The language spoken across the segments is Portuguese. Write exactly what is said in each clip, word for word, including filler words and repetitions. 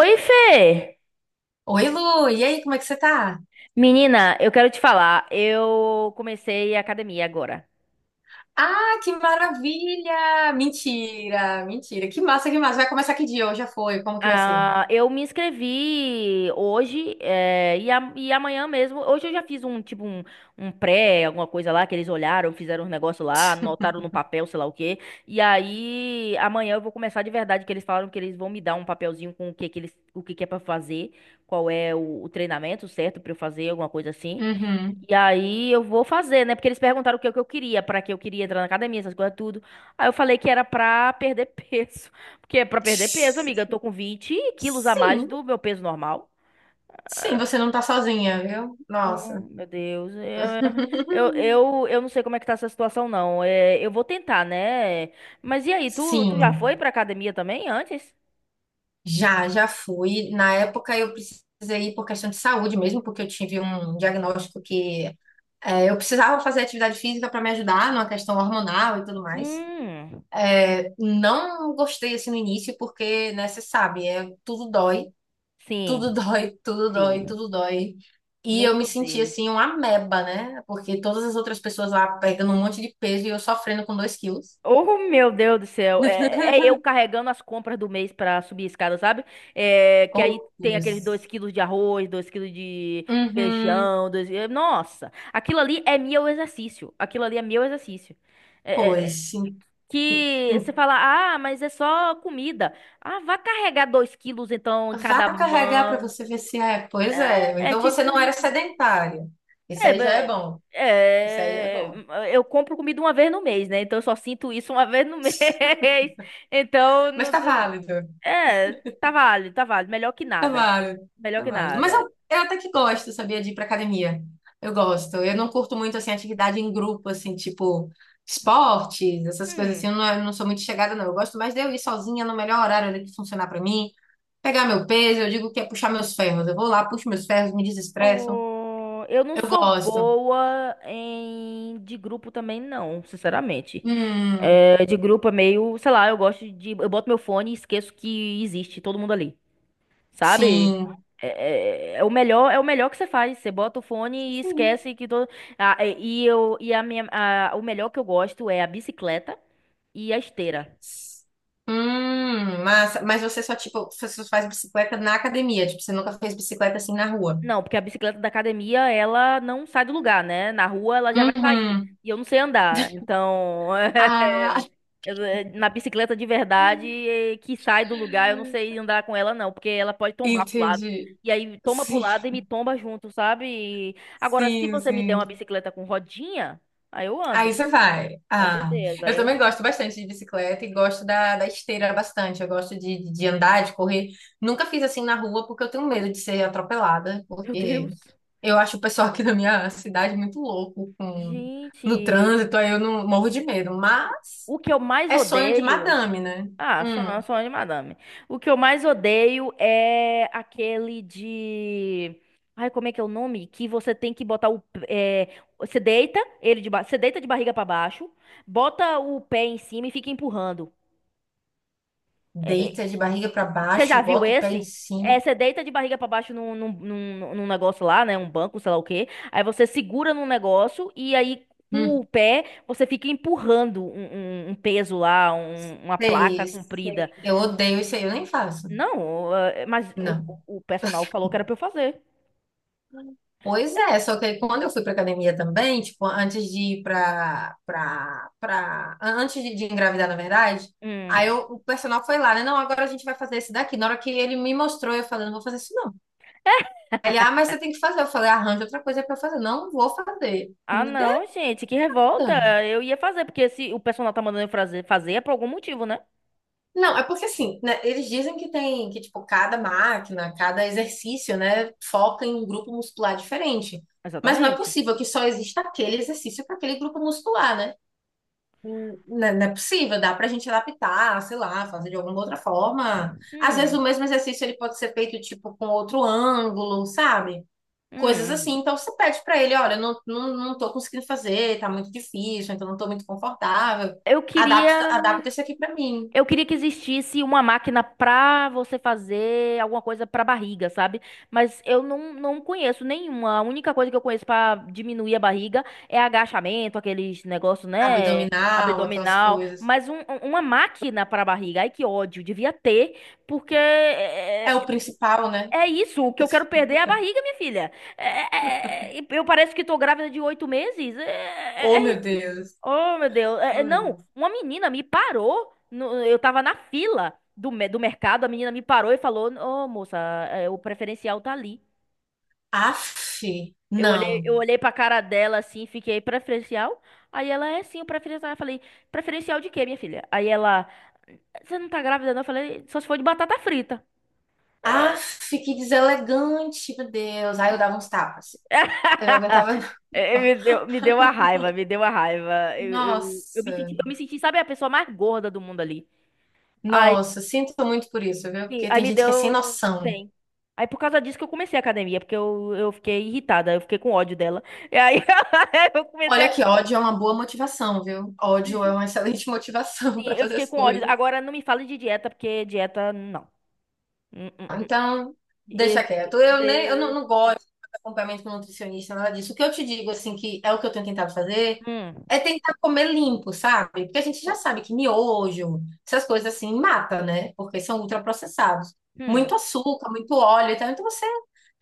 Oi, Fê! Oi, Lu, e aí, como é que você tá? Menina, eu quero te falar, eu comecei a academia agora. Ah, que maravilha! Mentira, mentira. Que massa, que massa. Vai começar que dia? Hoje já foi. Como que vai ser? Ah, eu me inscrevi hoje, eh, e, a- e amanhã mesmo. Hoje eu já fiz um tipo um, um pré, alguma coisa lá, que eles olharam, fizeram um negócio lá, anotaram no papel, sei lá o quê. E aí amanhã eu vou começar de verdade, que eles falaram que eles vão me dar um papelzinho com o que, que eles, o que, que é pra fazer, qual é o, o treinamento certo pra eu fazer, alguma coisa assim. Uhum. E aí eu vou fazer, né? Porque eles perguntaram o que eu que eu queria, pra que eu queria entrar na academia, essas coisas tudo. Aí eu falei que era pra perder peso. Porque é pra perder peso, amiga. Eu tô com vinte quilos a mais Sim, do meu peso normal. sim, você não tá sozinha, viu? Oh, Nossa. meu Deus. Eu, eu, eu, eu não sei como é que tá essa situação, não. É, eu vou tentar, né? Mas e aí, tu, tu já foi Sim, pra academia também antes? já, já fui. Na época eu precisei ir por questão de saúde mesmo, porque eu tive um diagnóstico que é, eu precisava fazer atividade física para me ajudar numa questão hormonal e tudo mais. Hum, É, Não gostei assim no início, porque, né, você sabe, é, tudo dói, tudo sim, dói, tudo sim. dói, tudo dói. E Meu eu me senti Deus. assim, uma ameba, né? Porque todas as outras pessoas lá pegando um monte de peso e eu sofrendo com dois quilos. Oh, meu Deus do céu. É, é é eu carregando as compras do mês pra subir a escada, sabe? É, que aí Oh, tem aqueles dois Deus. quilos de arroz, dois quilos de Uhum. feijão. Dois... eh, Nossa, aquilo ali é meu exercício. Aquilo ali é meu exercício. É, é, é, Pois, em- que você em- fala, ah, mas é só comida. Ah, vá carregar dois quilos então em Vá cada carregar para mão. você ver se é. Pois é. É, é Então você tipo não era isso. sedentário. Isso É, aí já é be- bom. Isso aí já é é, bom. eu compro comida uma vez no mês, né? Então eu só sinto isso uma vez no mês. Então, Mas não, tá não- válido. é, tá válido, tá válido. Melhor que É nada. válido, Melhor é que válido. Mas eu, nada. eu até que gosto, sabia, de ir pra academia. Eu gosto. Eu não curto muito, assim, atividade em grupo, assim, tipo esportes, essas coisas assim. Hum. Eu não, é, eu não sou muito chegada, não. Eu gosto mais de eu ir sozinha no melhor horário ali que funcionar pra mim. Pegar meu peso, eu digo que é puxar meus ferros. Eu vou lá, puxo meus ferros, me desestresso. Oh, eu não Eu sou gosto. boa em de grupo também, não, sinceramente. Hum, É, de grupo é meio, sei lá, eu gosto de. Eu boto meu fone e esqueço que existe todo mundo ali. Sabe? sim. É, é- é o melhor, é o melhor que você faz. Você bota o fone e Sim. esquece que todo. Ah, e e eu e a minha, a- O melhor que eu gosto é a bicicleta e a esteira. Hum, massa. Mas você só, tipo, você só faz bicicleta na academia. Tipo, você nunca fez bicicleta assim na rua. Não, porque a bicicleta da academia, ela não sai do lugar, né? Na rua ela já vai sair. Uhum. E eu não sei andar. Então, Ah, eu- eh, na bicicleta de verdade, eh, que sai do lugar, eu não sei andar com ela, não, porque ela pode tombar pro lado. entendi. E aí toma pro Sim, lado e me tomba junto, sabe? E- Agora, se sim, você me der uma sim. bicicleta com rodinha, aí eu Aí ando, você vai. com Ah, certeza. eu Aí também eu... gosto bastante de bicicleta e gosto da, da esteira bastante. Eu gosto de, de andar, de correr. Nunca fiz assim na rua porque eu tenho medo de ser atropelada, Meu porque Deus. eu acho o pessoal aqui da minha cidade muito louco com, no Gente, trânsito, aí eu não morro de medo. Mas o o que eu mais é sonho de odeio. madame, né? Ah, sou, eu Hum, sou de madame. O que eu mais odeio é aquele de. Ai, como é que é o nome? Que você tem que botar o. É... Você deita ele de ba... você deita de barriga pra baixo, bota o pé em cima e fica empurrando. É, é, deita de barriga pra Você já baixo, viu bota o pé em esse? cima. É, você deita de barriga pra baixo num, num, num, num negócio lá, né? Um banco, sei lá o quê. Aí você segura num negócio e aí com o Hum, pé você fica empurrando um, um- um peso lá, um- uma placa sei, comprida. sei. Eu odeio isso aí, eu nem faço. Não, eh, mas Não. o, o personal falou que era pra eu fazer. Pois é, só que aí quando eu fui para academia também, tipo, antes de ir para para para antes de, de engravidar, na verdade, aí Hum. eu- o personal foi lá, né? Não, agora a gente vai fazer esse daqui. Na hora que ele me mostrou, eu falei, não vou fazer isso não. Ele, ah, mas você tem que fazer. Eu falei, arranja outra coisa para eu fazer. Não vou fazer. Ah, Não deu. não, gente, que revolta. Eu ia fazer, porque se o personal tá mandando eu fazer, fazer é por algum motivo, né? Não, é porque assim, né, eles dizem que tem que tipo cada máquina, cada exercício, né, foca em um grupo muscular diferente. Mas não é Exatamente. possível que só exista aquele exercício para aquele grupo muscular, né? Não é não é possível, dá pra gente adaptar, sei lá, fazer de alguma outra forma. Às vezes Hum, o mesmo exercício ele pode ser feito tipo com outro ângulo, sabe? Coisas assim. hum. Então você pede pra ele, olha, eu não, não, não tô conseguindo fazer, tá muito difícil, então não tô muito confortável. Eu queria. Adapta, adapta isso aqui pra mim. Eu queria que existisse uma máquina pra você fazer alguma coisa pra barriga, sabe? Mas eu não, não conheço nenhuma. A única coisa que eu conheço pra diminuir a barriga é agachamento, aqueles negócios, né? Abdominal, aquelas Abdominal. coisas. Mas um- um- uma máquina pra barriga, ai que ódio, devia ter, porque É é, o é principal, né? é isso. O que eu quero perder é a barriga, minha filha. É- é- é- é, eu pareço que tô grávida de oito meses. É, Oh, é- é meu Deus. Oh, meu Deus. Oh, É, é, meu não, Deus. uma menina me parou. No- eu tava na fila do, me- do mercado, a menina me parou e falou: Ô, moça, é, o preferencial tá ali. Aff, Eu olhei, não. eu olhei pra cara dela assim, fiquei preferencial. Aí ela é sim, o preferencial. Eu falei: preferencial de quê, minha filha? Aí ela: você não tá grávida, não? Eu falei: só se for de batata frita. Aff, que deselegante, meu Deus. Aí eu dava uns tapas. Eu não aguentava. É, Me deu, me deu uma raiva, me deu uma raiva. Eu, eu, eu me Nossa, senti, eu me senti, sabe, a pessoa mais gorda do mundo ali. nossa, sinto muito por isso, viu? Sim, Porque aí tem me gente que é sem deu noção. cem. Aí por causa disso que eu comecei a academia, porque eu, eu fiquei irritada, eu fiquei com ódio dela. E aí eu comecei Olha a. que ódio é uma boa motivação, viu? Ódio é Sim, uma excelente motivação para eu fazer fiquei as com ódio. coisas. Agora não me fale de dieta, porque dieta, não. Hum, hum, hum. Então, E- deixa quieto. Eu nem, eu não, de- não gosto de acompanhamento com nutricionista, nada disso. O que eu te digo, assim, que é o que eu tenho tentado fazer, hum, é tentar comer limpo, sabe? Porque a gente já sabe que miojo, essas coisas assim, mata, né? Porque são ultraprocessados. hum, Muito açúcar, muito óleo e tal. Então você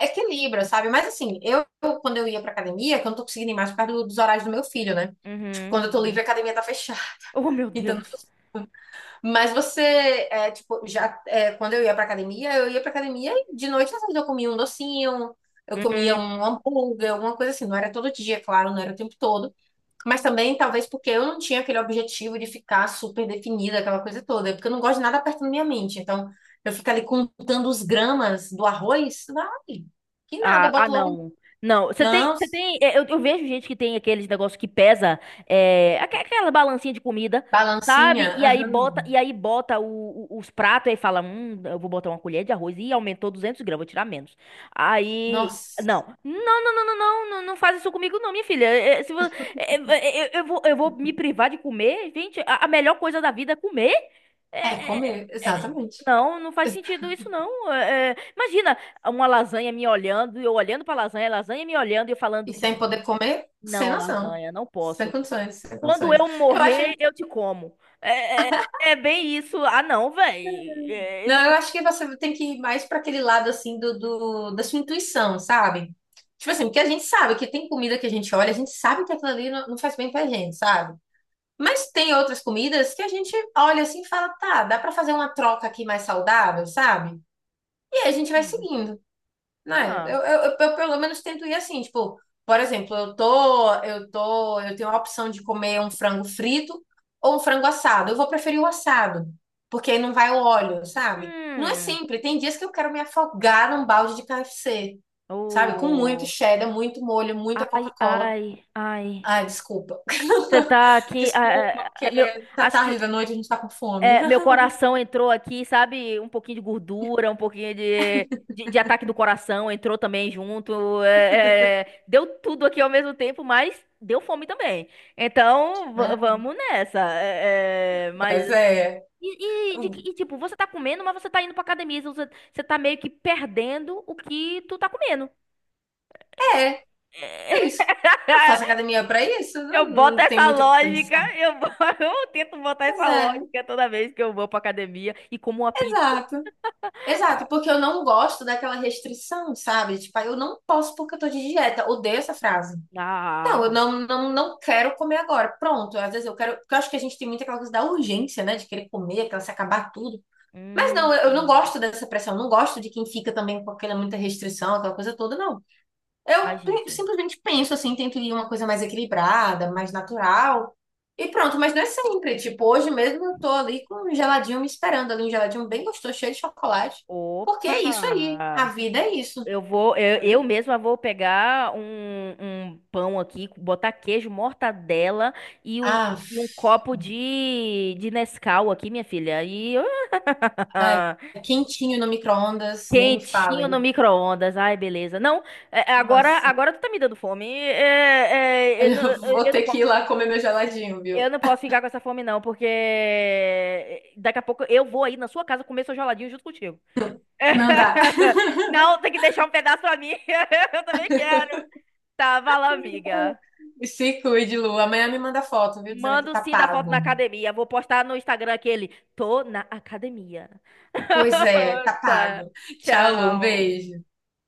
equilibra, sabe? Mas assim, eu, eu, quando eu ia pra academia, que eu não tô conseguindo ir mais por causa do- dos horários do meu filho, né? uhum, Quando eu tô uhum. livre, a academia tá fechada. Oh, meu Então Deus. mas você, é, tipo, já, é, quando eu ia pra academia, eu ia pra academia e de noite, às vezes, eu comia um docinho, eu Hum, comia hum. um hambúrguer, alguma coisa assim. Não era todo dia, claro, não era o tempo todo. Mas também, talvez, porque eu não tinha aquele objetivo de ficar super definida, aquela coisa toda. É Porque eu não gosto de nada apertando minha mente. Então, eu fico ali contando os gramas do arroz, vai, que nada, eu Ah, ah, boto logo. Um não. Não, você tem, Não, você tem, é, eu, eu vejo gente que tem aqueles negócios que pesa, é, aque- aquela balancinha de comida, balancinha. sabe? E aí bota, aham. e aí bota o- o- os pratos e fala, hum, eu vou botar uma colher de arroz e aumentou duzentas gramas, vou tirar menos. Aí, Nossa, não, não, não, não, não, não, não, não faz isso comigo não, minha filha. É, é, se vo- é, é, é, eu, eu vou, eu vou me privar de comer, gente, a, a melhor coisa da vida é comer. é É, é, comer, é, é, exatamente. não, não faz sentido isso não. É, é, imagina uma lasanha me olhando, e eu olhando pra lasanha, a lasanha me olhando e eu E falando, sem poder comer, sem não, noção. lasanha, não Sem posso. condições, sem Quando condições. eu Eu acho, morrer, eu te como. É, é, é é bem isso. Ah, não, velho. Eu não, não. eu acho que você tem que ir mais para aquele lado assim do, do- da sua intuição, sabe? Tipo assim, porque a gente sabe que tem comida que a gente olha, a gente sabe que aquilo ali não, não faz bem pra gente, sabe? Mas tem outras comidas que a gente olha assim e fala, tá, dá para fazer uma troca aqui mais saudável, sabe? E aí a gente vai Hum. seguindo. Não é? Eu, Ah. eu, eu- eu pelo menos tento ir assim, tipo, por exemplo, eu tô, eu tô, eu tenho a opção de comer um frango frito ou um frango assado. Eu vou preferir o assado, porque aí não vai o óleo, sabe? Não é Hum. sempre. Tem dias que eu quero me afogar num balde de K F C, sabe? Com muito Oh. cheddar, muito molho, muita Ai, Coca-Cola. ai, ai. Ai, desculpa. Você tá aqui. Desculpa, Ah, ah, ah, meu, tá acho tarde que da noite, a gente tá com fome. é, meu coração entrou aqui, sabe? Um pouquinho de gordura, um pouquinho de, de, de ataque do coração entrou também junto. é, é, deu tudo aqui ao mesmo tempo, mas deu fome também. Então, va- É, vamos nessa. é, é, mas. Mas é, E, e de que- e, tipo, você tá comendo, mas você tá indo pra academia. Então Você, você tá meio que perdendo o que tu tá comendo. é, é isso. Eu faço academia pra isso, Eu não, boto não tem essa muito o que lógica, pensar. eu, bo- eu tento botar Pois essa é, lógica toda vez que eu vou pra academia e como uma pizza. exato. Exato, porque eu não gosto daquela restrição, sabe? Tipo, ah, eu não posso porque eu tô de dieta. Odeio essa frase. Não, eu Ah, não, não, não quero comer agora. Pronto, às vezes eu quero. Porque eu acho que a gente tem muito aquela coisa da urgência, né? De querer comer, aquela se acabar tudo. Mas não, eu, eu não hum. gosto dessa pressão. Não gosto de quem fica também com aquela muita restrição, aquela coisa toda, não. Ai, Eu prim- gente. simplesmente penso assim, tento ir uma coisa mais equilibrada, mais natural. E pronto, mas não é sempre. Tipo, hoje mesmo eu tô ali com um geladinho me esperando ali, um geladinho bem gostoso, cheio de chocolate. Porque é isso aí. A Opa! vida é isso, Eu vou, eu, eu entendeu? mesma vou pegar um, um pão aqui, botar queijo, mortadela e um, Ah, e um copo de, de Nescau aqui, minha filha. E ai, ah, quentinho no micro-ondas, nem me quentinho no fale. micro-ondas. Ai, beleza. Não, é- é agora, Nossa, agora tu tá me dando fome. É, é, eu, não, eu eu vou eu não ter que posso, ir lá comer meu geladinho, viu? eu não posso ficar com essa fome, não, porque é, daqui a pouco eu vou aí na sua casa comer seu geladinho junto contigo. Não dá. Não, tem que deixar um pedaço pra mim. Eu também quero. Tá, vai lá, amiga. Se cuide, Lu. Amanhã me manda foto, viu? Dizendo que Manda o tá sim da foto na pago. academia. Vou postar no Instagram aquele. Tô na academia. Pois é, tá Tá. pago. Tchau, Lu. Um Tchau. beijo.